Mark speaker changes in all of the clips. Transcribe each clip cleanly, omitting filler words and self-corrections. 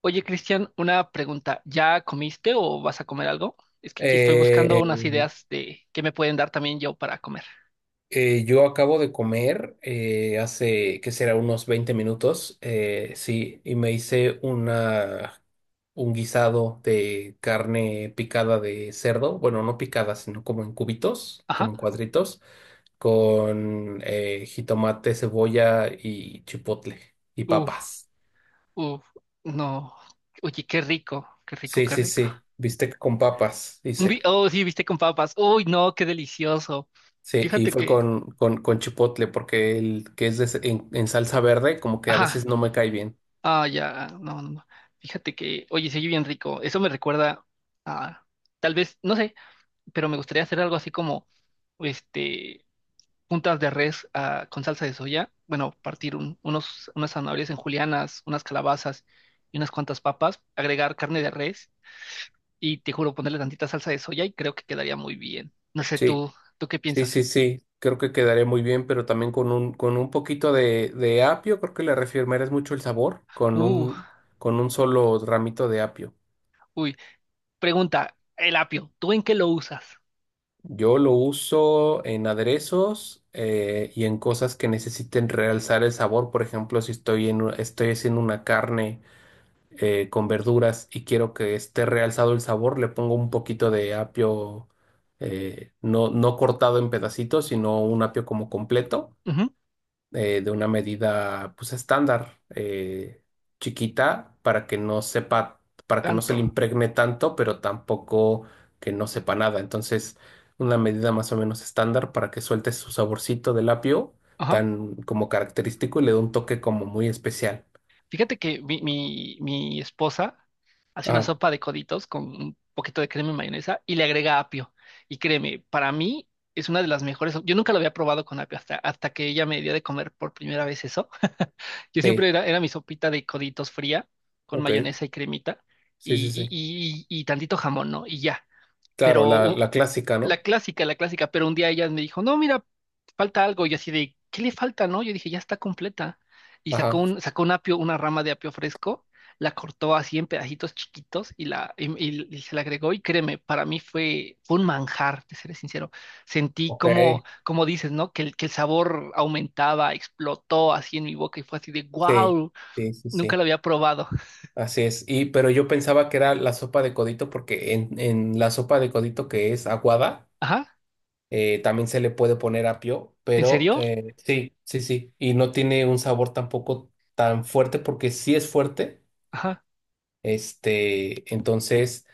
Speaker 1: Oye, Cristian, una pregunta. ¿Ya comiste o vas a comer algo? Es que aquí estoy buscando
Speaker 2: Eh,
Speaker 1: unas ideas de qué me pueden dar también yo para comer.
Speaker 2: yo acabo de comer hace, ¿que será? Unos 20 minutos, sí, y me hice un guisado de carne picada de cerdo, bueno, no picada, sino como en cubitos, como
Speaker 1: Ajá.
Speaker 2: en cuadritos, con jitomate, cebolla y chipotle y
Speaker 1: Uf,
Speaker 2: papas.
Speaker 1: uf, no. Oye, qué rico, qué rico,
Speaker 2: Sí,
Speaker 1: qué
Speaker 2: sí,
Speaker 1: rico.
Speaker 2: sí, bistec con papas, hice.
Speaker 1: Oh, sí, viste con papas. Uy, no, qué delicioso.
Speaker 2: Sí, y
Speaker 1: Fíjate
Speaker 2: fue
Speaker 1: que.
Speaker 2: con chipotle, porque el que es en salsa verde, como que a
Speaker 1: Ajá.
Speaker 2: veces no me cae bien.
Speaker 1: Ah, ya. No, no, no. Fíjate que. Oye, se oye bien rico. Eso me recuerda a. Tal vez, no sé, pero me gustaría hacer algo así como. Este. Puntas de res con salsa de soya. Bueno, partir unas zanahorias en julianas, unas calabazas y unas cuantas papas. Agregar carne de res y te juro ponerle tantita salsa de soya y creo que quedaría muy bien. No sé,
Speaker 2: Sí,
Speaker 1: ¿tú qué
Speaker 2: sí,
Speaker 1: piensas?
Speaker 2: sí, sí, creo que quedaría muy bien, pero también con un poquito de apio, creo que le reafirmarás mucho el sabor,
Speaker 1: Uh,
Speaker 2: con un solo ramito de apio.
Speaker 1: uy. Pregunta, el apio, ¿tú en qué lo usas?
Speaker 2: Yo lo uso en aderezos y en cosas que necesiten realzar el sabor, por ejemplo, si estoy en, estoy haciendo una carne, con verduras, y quiero que esté realzado el sabor, le pongo un poquito de apio, no cortado en pedacitos, sino un apio como completo,
Speaker 1: Ujú.
Speaker 2: de una medida pues estándar, chiquita, para que no sepa, para que no se
Speaker 1: Tanto.
Speaker 2: le impregne tanto, pero tampoco que no sepa nada. Entonces, una medida más o menos estándar para que suelte su saborcito del apio, tan como característico, y le dé un toque como muy especial.
Speaker 1: Fíjate que mi esposa hace una
Speaker 2: Ah,
Speaker 1: sopa de coditos con un poquito de crema y mayonesa y le agrega apio. Y créeme, para mí es una de las mejores. Yo nunca lo había probado con apio hasta que ella me dio de comer por primera vez eso. Yo
Speaker 2: sí,
Speaker 1: siempre era mi sopita de coditos fría con
Speaker 2: ok,
Speaker 1: mayonesa y cremita
Speaker 2: sí,
Speaker 1: y,
Speaker 2: sí,
Speaker 1: y,
Speaker 2: sí.
Speaker 1: y, y y tantito jamón, ¿no? Y ya.
Speaker 2: Claro,
Speaker 1: Pero
Speaker 2: la,
Speaker 1: u-
Speaker 2: la clásica,
Speaker 1: la
Speaker 2: ¿no?
Speaker 1: clásica, la clásica, pero un día ella me dijo, no, mira, falta algo, y así de, ¿qué le falta, no? Yo dije, ya está completa, y
Speaker 2: Ajá,
Speaker 1: sacó un apio, una rama de apio fresco, la cortó así en pedacitos chiquitos y se la agregó, y créeme, para mí fue un manjar, te seré sincero, sentí
Speaker 2: ok,
Speaker 1: como, como dices, ¿no? Que el sabor aumentaba, explotó así en mi boca, y fue así de,
Speaker 2: sí,
Speaker 1: wow,
Speaker 2: sí, sí,
Speaker 1: nunca
Speaker 2: sí,
Speaker 1: lo había probado,
Speaker 2: así es. Y pero yo pensaba que era la sopa de codito, porque en la sopa de codito que es aguada,
Speaker 1: ajá,
Speaker 2: también se le puede poner apio,
Speaker 1: ¿en
Speaker 2: pero
Speaker 1: serio?
Speaker 2: sí, sí, sí, y no tiene un sabor tampoco tan fuerte, porque sí es fuerte,
Speaker 1: Ajá,
Speaker 2: este, entonces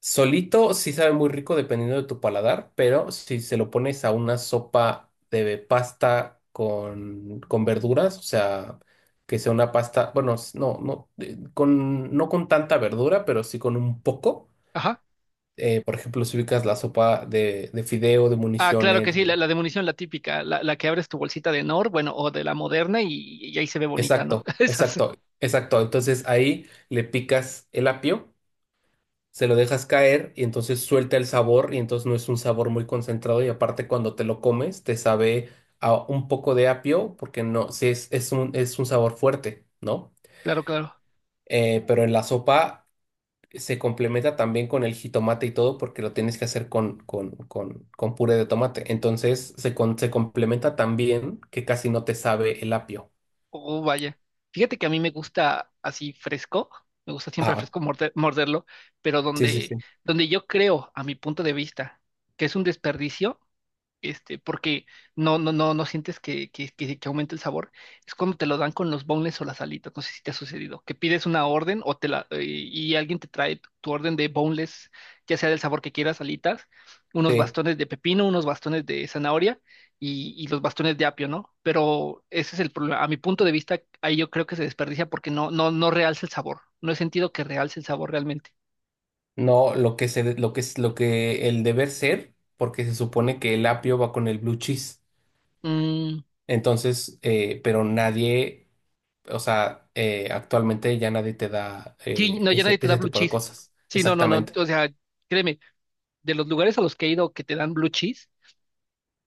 Speaker 2: solito sí sabe muy rico dependiendo de tu paladar, pero si se lo pones a una sopa de pasta con verduras, o sea, que sea una pasta, bueno, no, no, con, no con tanta verdura, pero sí con un poco.
Speaker 1: ajá.
Speaker 2: Por ejemplo, si ubicas la sopa de fideo, de
Speaker 1: Ah, claro que
Speaker 2: municiones,
Speaker 1: sí,
Speaker 2: de-.
Speaker 1: la de munición, la típica, la que abres tu bolsita de Nor, bueno, o de la moderna y ahí se ve bonita, ¿no?
Speaker 2: Exacto,
Speaker 1: Esas,
Speaker 2: exacto, exacto. Entonces ahí le picas el apio, se lo dejas caer y entonces suelta el sabor, y entonces no es un sabor muy concentrado, y aparte cuando te lo comes te sabe a un poco de apio, porque no, sí es un sabor fuerte, ¿no?
Speaker 1: claro, claro.
Speaker 2: Pero en la sopa se complementa también con el jitomate y todo, porque lo tienes que hacer con puré de tomate. Entonces se, se complementa también que casi no te sabe el apio.
Speaker 1: Oh, vaya. Fíjate que a mí me gusta así fresco, me gusta siempre
Speaker 2: Ah,
Speaker 1: fresco morderlo, pero
Speaker 2: sí, sí, sí.
Speaker 1: donde yo creo, a mi punto de vista, que es un desperdicio, este, porque no, no, no, no sientes que aumente el sabor, es cuando te lo dan con los boneless o las alitas, no sé si te ha sucedido, que pides una orden o te la, y alguien te trae tu orden de boneless, ya sea del sabor que quieras, alitas, unos
Speaker 2: Sí.
Speaker 1: bastones de pepino, unos bastones de zanahoria y los bastones de apio, ¿no? Pero ese es el problema. A mi punto de vista, ahí yo creo que se desperdicia porque no, no, no realza el sabor. No he sentido que realce el sabor realmente.
Speaker 2: No, lo que es lo que el deber ser, porque se supone que el apio va con el blue cheese.
Speaker 1: Mm,
Speaker 2: Entonces, pero nadie, o sea, actualmente ya nadie te da
Speaker 1: sí, no, ya nadie
Speaker 2: ese,
Speaker 1: te da
Speaker 2: ese
Speaker 1: blue
Speaker 2: tipo de
Speaker 1: cheese.
Speaker 2: cosas.
Speaker 1: Sí, no, no, no.
Speaker 2: Exactamente.
Speaker 1: O sea, créeme, de los lugares a los que he ido que te dan blue cheese,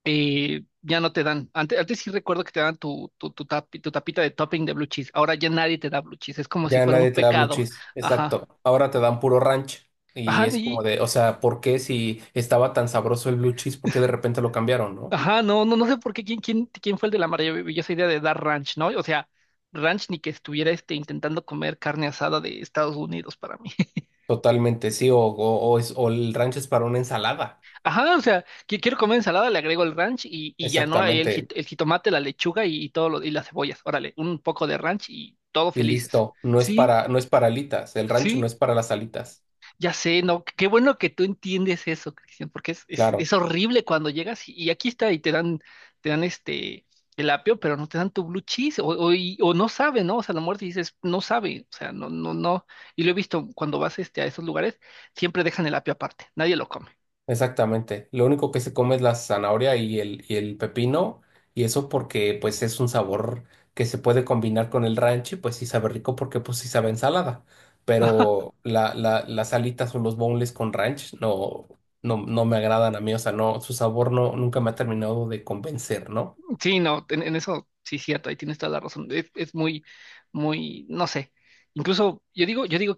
Speaker 1: ya no te dan. Antes, antes sí recuerdo que te dan tu tapita de topping de blue cheese. Ahora ya nadie te da blue cheese. Es como si
Speaker 2: Ya
Speaker 1: fuera un
Speaker 2: nadie te da blue
Speaker 1: pecado.
Speaker 2: cheese.
Speaker 1: Ajá.
Speaker 2: Exacto. Ahora te dan puro ranch. Y
Speaker 1: Ajá,
Speaker 2: es como
Speaker 1: y,
Speaker 2: de, o sea, ¿por qué si estaba tan sabroso el blue cheese, por qué de repente lo cambiaron, ¿no?
Speaker 1: ajá, no, no, no sé por qué quién fue el de la maravillosa idea de dar ranch, ¿no? O sea, ranch ni que estuviera este, intentando comer carne asada de Estados Unidos para mí.
Speaker 2: Totalmente, sí. O es, o el ranch es para una ensalada.
Speaker 1: Ajá, o sea, que quiero comer ensalada, le agrego el ranch y ya no, ahí
Speaker 2: Exactamente.
Speaker 1: el jitomate, la lechuga y, y las cebollas. Órale, un poco de ranch y todos
Speaker 2: Y
Speaker 1: felices.
Speaker 2: listo, no es
Speaker 1: Sí,
Speaker 2: para, no es para alitas, el rancho no
Speaker 1: sí,
Speaker 2: es para las alitas.
Speaker 1: ya sé, no, qué bueno que tú entiendes eso, Cristian, porque
Speaker 2: Claro,
Speaker 1: es horrible cuando llegas y aquí está y te dan el apio, pero no te dan tu blue cheese, o no sabe, ¿no? O sea, a lo mejor dices, no sabe, o sea, no, no, no. Y lo he visto cuando vas este, a esos lugares, siempre dejan el apio aparte, nadie lo come.
Speaker 2: exactamente. Lo único que se come es la zanahoria y el pepino, y eso porque pues es un sabor que se puede combinar con el rancho, y pues sí sabe rico porque pues sí sabe a ensalada. Pero las alitas o los boneless con ranch no, no, no me agradan a mí, o sea, no, su sabor no, nunca me ha terminado de convencer, ¿no?
Speaker 1: Sí, no, en eso sí cierto, ahí tienes toda la razón. Es muy, muy, no sé. Incluso yo digo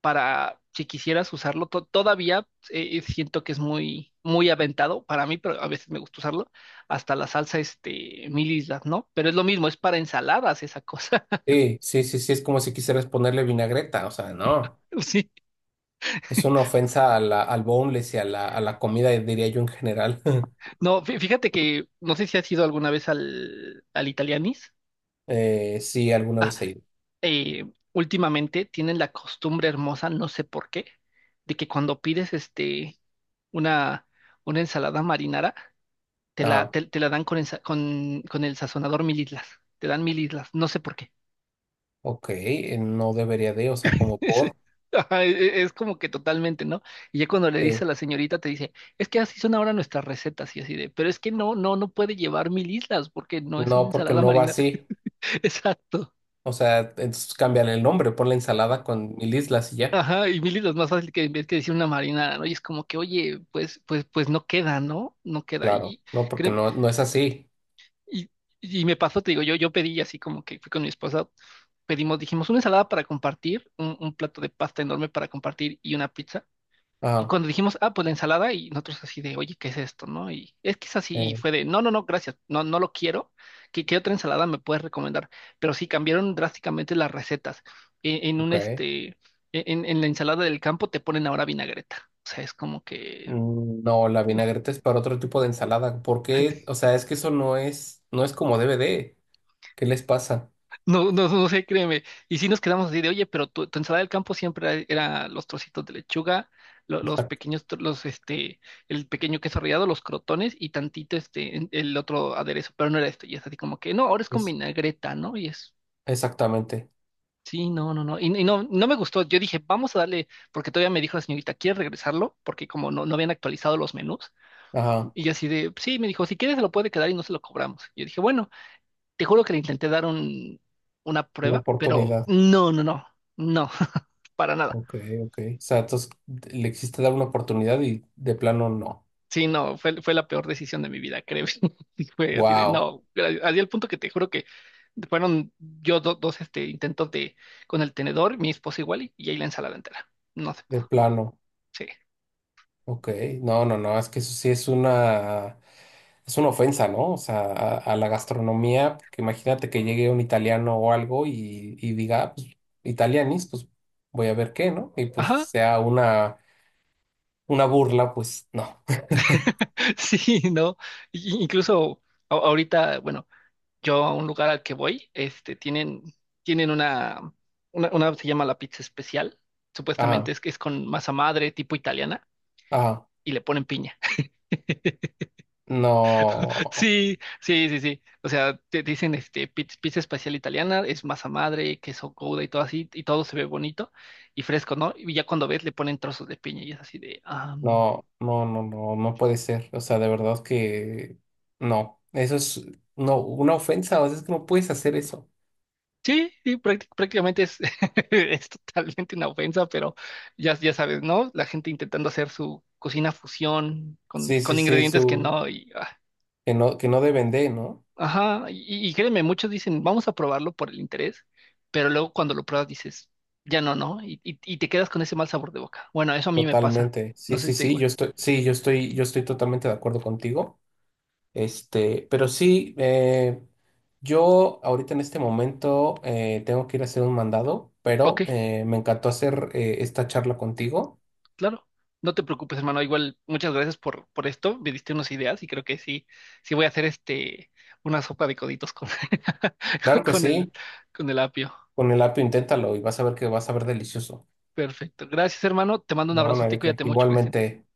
Speaker 1: para si quisieras usarlo. Todavía siento que es muy, muy aventado para mí, pero a veces me gusta usarlo. Hasta la salsa, este, mil islas, ¿no? Pero es lo mismo, es para ensaladas esa cosa.
Speaker 2: Sí, sí, sí, sí, es como si quisieras ponerle vinagreta, o sea, no.
Speaker 1: Sí.
Speaker 2: Es una ofensa a al boneless y a a la comida, diría yo en general.
Speaker 1: No, fíjate que no sé si has ido alguna vez al Italianis.
Speaker 2: Sí, alguna
Speaker 1: Ah,
Speaker 2: vez he ido.
Speaker 1: eh, últimamente tienen la costumbre hermosa, no sé por qué, de que cuando pides este, una, una ensalada marinara, te
Speaker 2: Ah,
Speaker 1: la dan con con el sazonador mil islas. Te dan mil islas, no sé por qué.
Speaker 2: ok, no debería de, o sea, como
Speaker 1: Es,
Speaker 2: por.
Speaker 1: ajá, es como que totalmente, ¿no? Y ya cuando le dice
Speaker 2: Sí.
Speaker 1: a la señorita, te dice, es que así son ahora nuestras recetas y así de, pero es que no, no, no puede llevar mil islas porque no es una
Speaker 2: No, porque
Speaker 1: ensalada
Speaker 2: no va
Speaker 1: marinara.
Speaker 2: así.
Speaker 1: Exacto.
Speaker 2: O sea, entonces cámbiale el nombre, ponle ensalada con mil islas y ya.
Speaker 1: Ajá, y mil islas más fácil que en vez que decir una marinara, ¿no? Y es como que, oye, pues no queda, ¿no? No queda.
Speaker 2: Claro,
Speaker 1: Y
Speaker 2: no, porque
Speaker 1: créeme-
Speaker 2: no, no es así.
Speaker 1: y- y me pasó, te digo, yo pedí así como que fui con mi esposa pedimos, dijimos una ensalada para compartir, un plato de pasta enorme para compartir y una pizza. Y
Speaker 2: Ah,
Speaker 1: cuando dijimos, ah, pues la ensalada, y nosotros así de, oye, ¿qué es esto? ¿No? Y es que es así, y
Speaker 2: eh,
Speaker 1: fue de, no, no, no, gracias, no, no lo quiero. Qué otra ensalada me puedes recomendar? Pero sí, cambiaron drásticamente las recetas. En un
Speaker 2: ok.
Speaker 1: este, e, En la ensalada del campo te ponen ahora vinagreta. O sea, es como que
Speaker 2: Mm, no, la vinagreta es para otro tipo de ensalada. ¿Por qué? O sea, es que eso no es, no es como debe de. ¿Qué les pasa?
Speaker 1: no, no, no sé, créeme. Y sí nos quedamos así de, oye, pero tu ensalada del campo era los trocitos de lechuga, los pequeños, el pequeño queso rallado, los crotones y tantito, el otro aderezo, pero no era esto. Y es así como que, no, ahora es con
Speaker 2: Es,
Speaker 1: vinagreta, ¿no? Y es,
Speaker 2: exactamente.
Speaker 1: sí, no, no, no. Y no, no me gustó. Yo dije, vamos a darle, porque todavía me dijo la señorita, ¿quieres regresarlo? Porque como no, no habían actualizado los menús.
Speaker 2: Ajá,
Speaker 1: Y yo así de, sí, me dijo, si quieres se lo puede quedar y no se lo cobramos. Y yo dije, bueno. Te juro que le intenté dar una
Speaker 2: una
Speaker 1: prueba, pero
Speaker 2: oportunidad.
Speaker 1: no, no, no, no, para nada.
Speaker 2: Ok, ok. O sea, entonces le existe dar una oportunidad y de plano no.
Speaker 1: Sí, no, fue, fue la peor decisión de mi vida, creo. Y fue así de,
Speaker 2: Wow,
Speaker 1: no, gracias. Así al punto que te juro que fueron dos este, intentos de con el tenedor, mi esposa igual, y ahí la ensalada entera. No se
Speaker 2: de
Speaker 1: pudo.
Speaker 2: plano.
Speaker 1: Sí.
Speaker 2: Ok, no, no, no, es que eso sí es una ofensa, ¿no? O sea, a la gastronomía, porque imagínate que llegue un italiano o algo y diga, "Ah, pues, italianis, pues voy a ver qué, ¿no?" Y pues
Speaker 1: Ajá.
Speaker 2: sea una burla, pues no.
Speaker 1: Sí, no. Incluso ahorita, bueno. Yo a un lugar al que voy, este, tienen una se llama la pizza especial,
Speaker 2: Ajá,
Speaker 1: supuestamente es que es con masa madre tipo italiana
Speaker 2: ajá,
Speaker 1: y le ponen piña.
Speaker 2: no.
Speaker 1: Sí, sí, sí, sí. O sea, te dicen este pizza especial italiana, es masa madre, queso gouda y todo así, y todo se ve bonito y fresco, ¿no? Y ya cuando ves le ponen trozos de piña y es así de, ah.
Speaker 2: No, no, no, no, no puede ser. O sea, de verdad que no. Eso es no, una ofensa. O sea, es que no puedes hacer eso.
Speaker 1: Sí, sí, prácticamente es, es totalmente una ofensa, pero ya sabes, ¿no? La gente intentando hacer su cocina fusión
Speaker 2: Sí, sí,
Speaker 1: con
Speaker 2: sí,
Speaker 1: ingredientes que
Speaker 2: su,
Speaker 1: no, y, ah,
Speaker 2: que no deben de, ¿no?
Speaker 1: ajá, y créeme, muchos dicen, vamos a probarlo por el interés, pero luego cuando lo pruebas dices, ya no, ¿no? Y, y te quedas con ese mal sabor de boca. Bueno, eso a mí me pasa,
Speaker 2: Totalmente.
Speaker 1: no
Speaker 2: Sí,
Speaker 1: sé
Speaker 2: sí,
Speaker 1: si te da igual.
Speaker 2: sí, yo estoy totalmente de acuerdo contigo. Este, pero sí, yo ahorita en este momento tengo que ir a hacer un mandado,
Speaker 1: Ok,
Speaker 2: pero me encantó hacer esta charla contigo.
Speaker 1: claro, no te preocupes, hermano. Igual, muchas gracias por esto. Me diste unas ideas y creo que sí, sí voy a hacer este una sopa de coditos con,
Speaker 2: Claro que
Speaker 1: con
Speaker 2: sí,
Speaker 1: con el apio.
Speaker 2: con el apio inténtalo y vas a ver que vas a ver delicioso.
Speaker 1: Perfecto. Gracias, hermano. Te mando un
Speaker 2: No, no hay
Speaker 1: abrazote y
Speaker 2: de qué.
Speaker 1: cuídate mucho, Cristian.
Speaker 2: Igualmente.